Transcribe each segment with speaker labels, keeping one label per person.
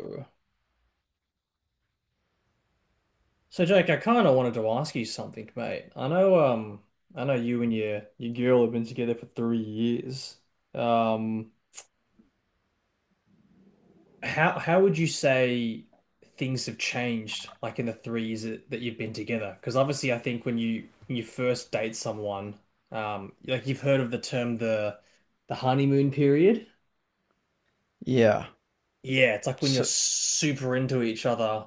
Speaker 1: So Jake, I kind of wanted to ask you something, mate. I know you and your girl have been together for 3 years. Um, how would you say things have changed, like in the 3 years that you've been together? Because obviously, I think when you first date someone, like you've heard of the term the honeymoon period.
Speaker 2: Yeah.
Speaker 1: Yeah, it's like when you're
Speaker 2: So,
Speaker 1: super into each other.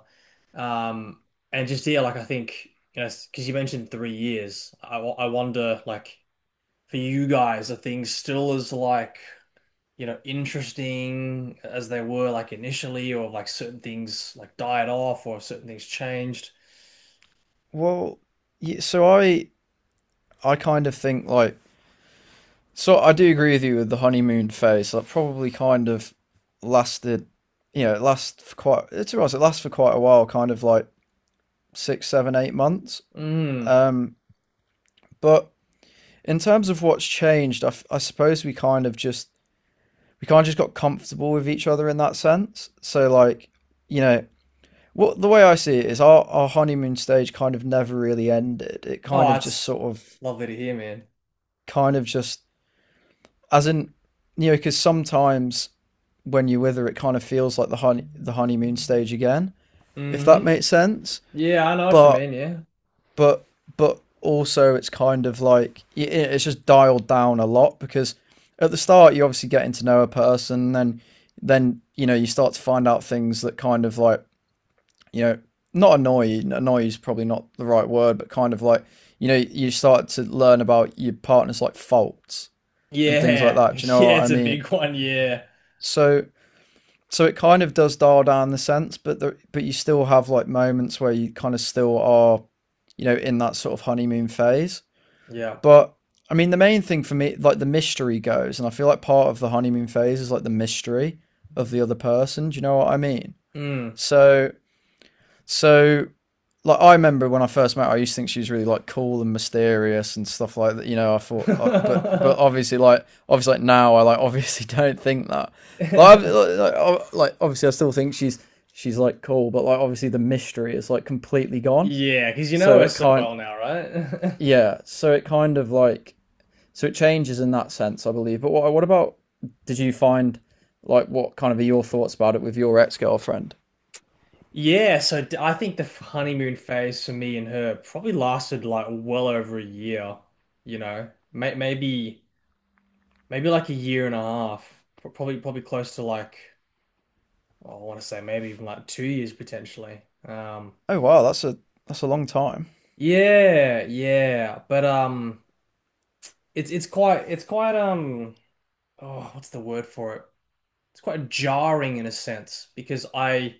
Speaker 1: Um, and just, yeah, like I think, you know, because you mentioned 3 years, I wonder, like, for you guys, are things still as, like, you know, interesting as they were, like, initially, or like certain things, like, died off, or certain things changed?
Speaker 2: well, yeah, so I kind of think like I do agree with you with the honeymoon phase. That probably kind of lasted, you know, it lasts for quite. It's right. It lasts for quite a while, kind of like six, seven, 8 months.
Speaker 1: Mm.
Speaker 2: Um, but in terms of what's changed, I suppose we kind of just got comfortable with each other in that sense. So like, you know, what the way I see it is our honeymoon stage kind of never really ended. It
Speaker 1: Oh,
Speaker 2: kind of just
Speaker 1: that's
Speaker 2: sort
Speaker 1: it's
Speaker 2: of
Speaker 1: lovely to hear, man.
Speaker 2: kind of just, as in, you know, because sometimes when you're with her, it kind of feels like the honeymoon stage again, if that
Speaker 1: Hmm.
Speaker 2: makes sense.
Speaker 1: Yeah, I know what you
Speaker 2: but
Speaker 1: mean, yeah.
Speaker 2: but but also it's kind of like it's just dialed down a lot, because at the start you're obviously getting to know a person. Then you know, you start to find out things that kind of like, you know, not annoy is probably not the right word, but kind of like, you know, you start to learn about your partner's like faults and things like
Speaker 1: Yeah,
Speaker 2: that,
Speaker 1: yeah,
Speaker 2: do you know what I
Speaker 1: it's a
Speaker 2: mean?
Speaker 1: big one, yeah.
Speaker 2: So so it kind of does dial down the sense, but but you still have like moments where you kind of still are, you know, in that sort of honeymoon phase.
Speaker 1: Yeah.
Speaker 2: But I mean, the main thing for me, like the mystery goes, and I feel like part of the honeymoon phase is like the mystery of the other person. Do you know what I mean?
Speaker 1: Mm.
Speaker 2: So so like I remember when I first met her, I used to think she was really like cool and mysterious and stuff like that. You know, I thought, but obviously, like obviously, now I like obviously don't think that. Obviously, I still think she's like cool, but like obviously, the mystery is like completely gone.
Speaker 1: Yeah, because you know
Speaker 2: So
Speaker 1: her
Speaker 2: it
Speaker 1: so
Speaker 2: can't,
Speaker 1: well now, right?
Speaker 2: yeah. So it kind of like so it changes in that sense, I believe. But what about? Did you find like what kind of are your thoughts about it with your ex girlfriend?
Speaker 1: I think the honeymoon phase for me and her probably lasted like well over a year, you know, maybe maybe like a year and a half. Probably close to like, well, I want to say maybe even like 2 years potentially. Um,
Speaker 2: Oh wow, that's a long time.
Speaker 1: yeah, yeah, but it's it's quite oh, what's the word for it? It's quite jarring in a sense because I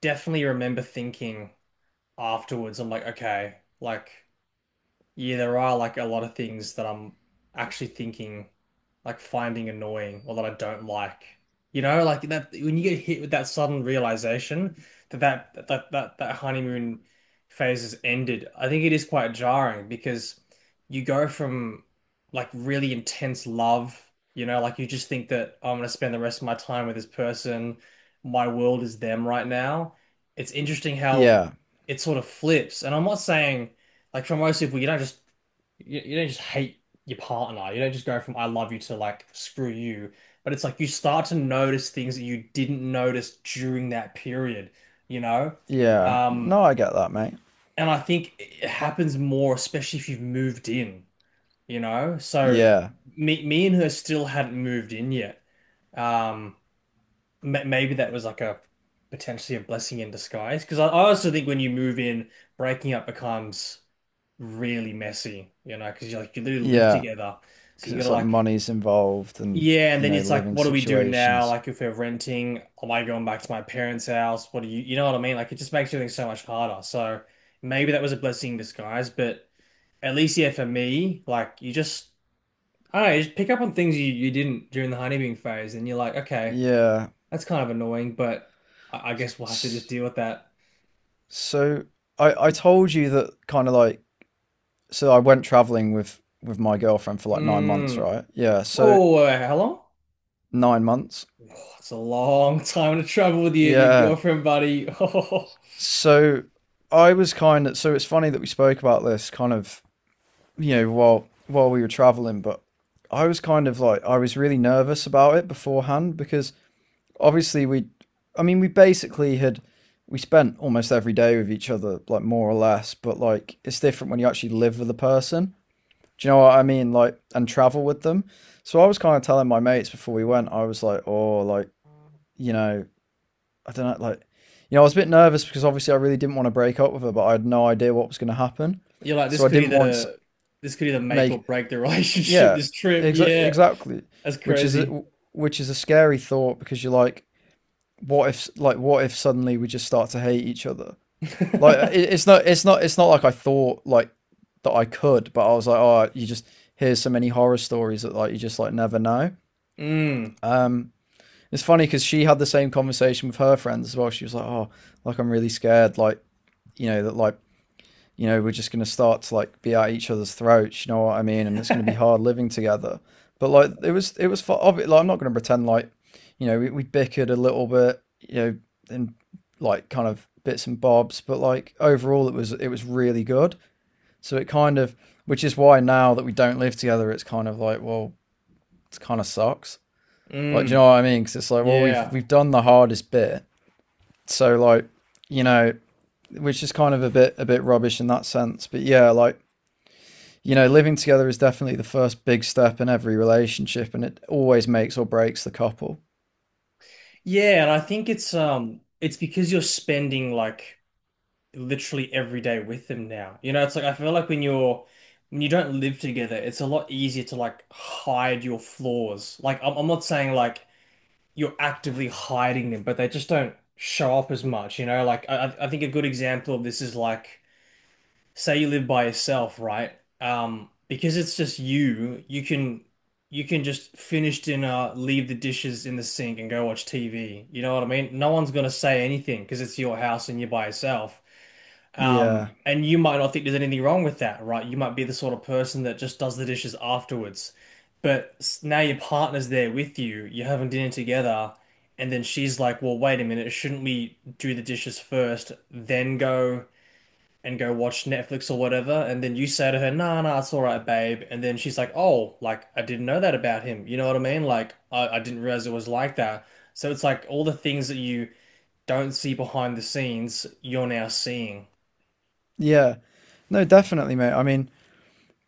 Speaker 1: definitely remember thinking afterwards, I'm like, okay, like yeah, there are like a lot of things that I'm actually thinking, like finding annoying or that I don't like. You know, like that when you get hit with that sudden realization that that honeymoon phase has ended, I think it is quite jarring because you go from like really intense love, you know, like you just think that, "Oh, I'm gonna spend the rest of my time with this person, my world is them right now." It's interesting how
Speaker 2: Yeah.
Speaker 1: it sort of flips, and I'm not saying, like, for most people, you don't you don't just hate your partner. You don't just go from "I love you" to like "screw you." But it's like you start to notice things that you didn't notice during that period, you know?
Speaker 2: Yeah.
Speaker 1: Um,
Speaker 2: No, I get that, mate.
Speaker 1: and I think it happens more, especially if you've moved in, you know? So
Speaker 2: Yeah.
Speaker 1: me and her still hadn't moved in yet. Um, Maybe that was like a potentially a blessing in disguise. Because I also think when you move in, breaking up becomes really messy, you know, because you literally live
Speaker 2: Yeah.
Speaker 1: together, so
Speaker 2: Because
Speaker 1: you gotta
Speaker 2: it's like
Speaker 1: like,
Speaker 2: money's involved and,
Speaker 1: yeah, and
Speaker 2: you
Speaker 1: then
Speaker 2: know,
Speaker 1: it's like,
Speaker 2: living
Speaker 1: what do we do now?
Speaker 2: situations.
Speaker 1: Like if we're renting, am I going back to my parents' house? What do you know what I mean? Like it just makes everything so much harder. So maybe that was a blessing in disguise, but at least yeah, for me, like you just I don't know, you just pick up on things you didn't during the honeymoon phase, and you're like, okay,
Speaker 2: Yeah.
Speaker 1: that's kind of annoying, but I guess we'll have to just
Speaker 2: S-
Speaker 1: deal with that.
Speaker 2: So I told you that kind of like so I went traveling with my girlfriend for like 9 months,
Speaker 1: Mm.
Speaker 2: right? Yeah.
Speaker 1: Whoa,
Speaker 2: So
Speaker 1: whoa, whoa, whoa, how long?
Speaker 2: 9 months.
Speaker 1: Oh, it's a long time to travel with your
Speaker 2: Yeah.
Speaker 1: girlfriend, buddy. Oh,
Speaker 2: So I was kind of so it's funny that we spoke about this kind of, you know, while we were traveling, but I was kind of like I was really nervous about it beforehand because obviously we, I mean, we basically had we spent almost every day with each other, like more or less, but like it's different when you actually live with a person, do you know what I mean, like, and travel with them. So I was kind of telling my mates before we went, I was like, oh, like, you know, I don't know, like, you know, I was a bit nervous because obviously I really didn't want to break up with her, but I had no idea what was going to happen.
Speaker 1: you're like,
Speaker 2: So I didn't want to
Speaker 1: this could either make or
Speaker 2: make,
Speaker 1: break the relationship,
Speaker 2: yeah,
Speaker 1: this trip. Yeah.
Speaker 2: exactly.
Speaker 1: That's
Speaker 2: which is
Speaker 1: crazy.
Speaker 2: a, which is a scary thought, because you're like, what if like what if suddenly we just start to hate each other? Like it's not like I thought like that I could, but I was like, oh, you just hear so many horror stories that like you just like never know.
Speaker 1: Mm.
Speaker 2: Um, it's funny because she had the same conversation with her friends as well. She was like, oh, like I'm really scared, like you know that like you know, we're just going to start to like be at each other's throats. You know what I mean? And it's going to be hard living together. But like, like, I'm not going to pretend like, you know, we bickered a little bit, you know, in like kind of bits and bobs, but like overall, it was really good. So it kind of, which is why now that we don't live together, it's kind of like, well, it kind of sucks. Like, do you
Speaker 1: Mm.
Speaker 2: know what I mean? Because it's like, well, we've
Speaker 1: Yeah.
Speaker 2: we've done the hardest bit, so like, you know, which is kind of a bit rubbish in that sense. But yeah, like, you know, living together is definitely the first big step in every relationship, and it always makes or breaks the couple.
Speaker 1: Yeah, and I think it's because you're spending like literally every day with them now. You know, it's like I feel like when you don't live together, it's a lot easier to like hide your flaws. Like I'm not saying like you're actively hiding them, but they just don't show up as much, you know? Like I think a good example of this is like, say you live by yourself, right? Because it's just you, you can just finish dinner, leave the dishes in the sink and go watch TV. You know what I mean? No one's gonna say anything because it's your house and you're by yourself.
Speaker 2: Yeah,
Speaker 1: And you might not think there's anything wrong with that, right? You might be the sort of person that just does the dishes afterwards. Now your partner's there with you, you're having dinner together, and then she's like, well, wait a minute, shouldn't we do the dishes first, then go watch Netflix or whatever? And then you say to her, nah, nah, it's all right, babe. And then she's like, oh, like, I didn't know that about him. You know what I mean? Like, I didn't realize it was like that. So it's like all the things that you don't see behind the scenes, you're now seeing.
Speaker 2: yeah, no, definitely, mate. I mean,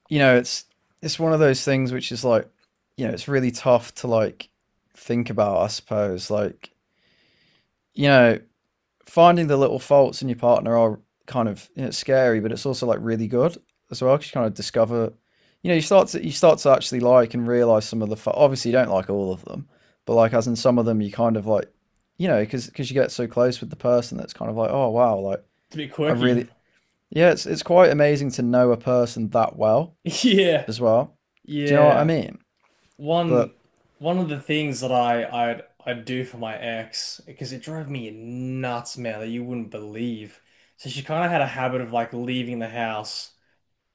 Speaker 2: you know, it's one of those things which is like, you know, it's really tough to like think about. I suppose, like, you know, finding the little faults in your partner are kind of, you know, scary, but it's also like really good as well, 'cause you kind of discover, you know, you start to actually like and realize some of the. Obviously, you don't like all of them, but like as in some of them, you kind of like, you know, because you get so close with the person that's kind of like, oh wow, like
Speaker 1: It's a bit
Speaker 2: I
Speaker 1: quirky.
Speaker 2: really, yeah, it's quite amazing to know a person that well
Speaker 1: Yeah,
Speaker 2: as well. Do you know what I
Speaker 1: yeah.
Speaker 2: mean?
Speaker 1: One
Speaker 2: But
Speaker 1: one of the things that I'd do for my ex because it drove me nuts, man, that you wouldn't believe. So she kind of had a habit of like leaving the house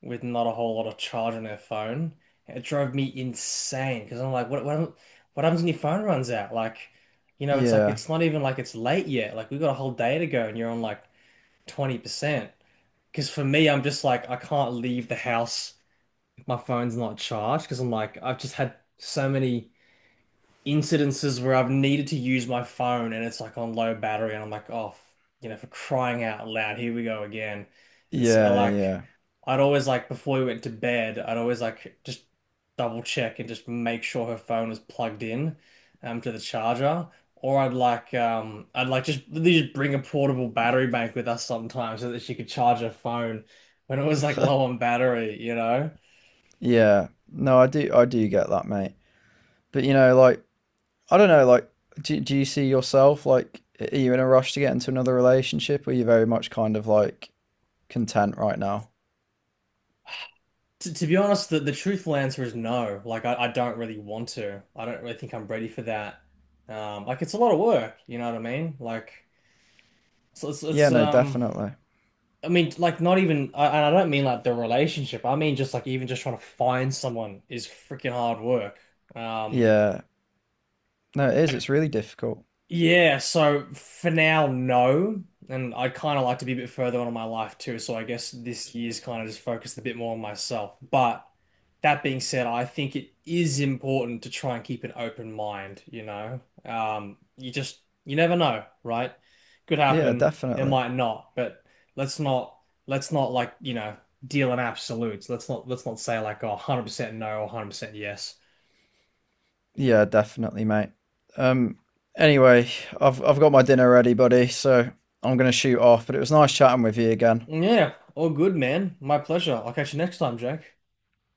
Speaker 1: with not a whole lot of charge on her phone. It drove me insane because I'm like, what happens when your phone runs out? Like, you know, it's like
Speaker 2: yeah,
Speaker 1: it's not even like it's late yet. Like we've got a whole day to go and you're on like 20%. Because for me, I'm just like I can't leave the house my phone's not charged because I'm like I've just had so many incidences where I've needed to use my phone and it's like on low battery and I'm like, oh f-, you know, for crying out loud, here we go again. And so
Speaker 2: yeah,
Speaker 1: like
Speaker 2: yeah,
Speaker 1: I'd always like before we went to bed I'd always like just double check and just make sure her phone was plugged in to the charger, or I'd like just they just bring a portable battery bank with us sometimes so that she could charge her phone when it was like low on battery, you know.
Speaker 2: yeah. No, I do get that, mate. But you know, like I don't know, like, do you see yourself, like, are you in a rush to get into another relationship, or are you very much kind of like content right now?
Speaker 1: To be honest, the truthful answer is no. Like, I don't really want to. I don't really think I'm ready for that. Like, it's a lot of work, you know what I mean? Like, so
Speaker 2: Yeah, no, definitely.
Speaker 1: I mean, like, not even, and I don't mean like the relationship. I mean, just like, even just trying to find someone is freaking hard work. Um,
Speaker 2: Yeah, no, it is. It's really difficult.
Speaker 1: Yeah, so for now, no. And I kind of like to be a bit further on in my life too. So I guess this year's kind of just focused a bit more on myself. But that being said, I think it is important to try and keep an open mind, you know? You never know, right? Could
Speaker 2: Yeah,
Speaker 1: happen, it
Speaker 2: definitely.
Speaker 1: might not, but let's not, let's not like, you know, deal in absolutes. Let's not say like, oh, 100% no or 100% yes.
Speaker 2: Yeah, definitely, mate. Um, anyway, I've got my dinner ready, buddy, so I'm gonna shoot off, but it was nice chatting with you again.
Speaker 1: Yeah, all good, man. My pleasure. I'll catch you next time, Jake.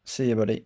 Speaker 2: See you, buddy.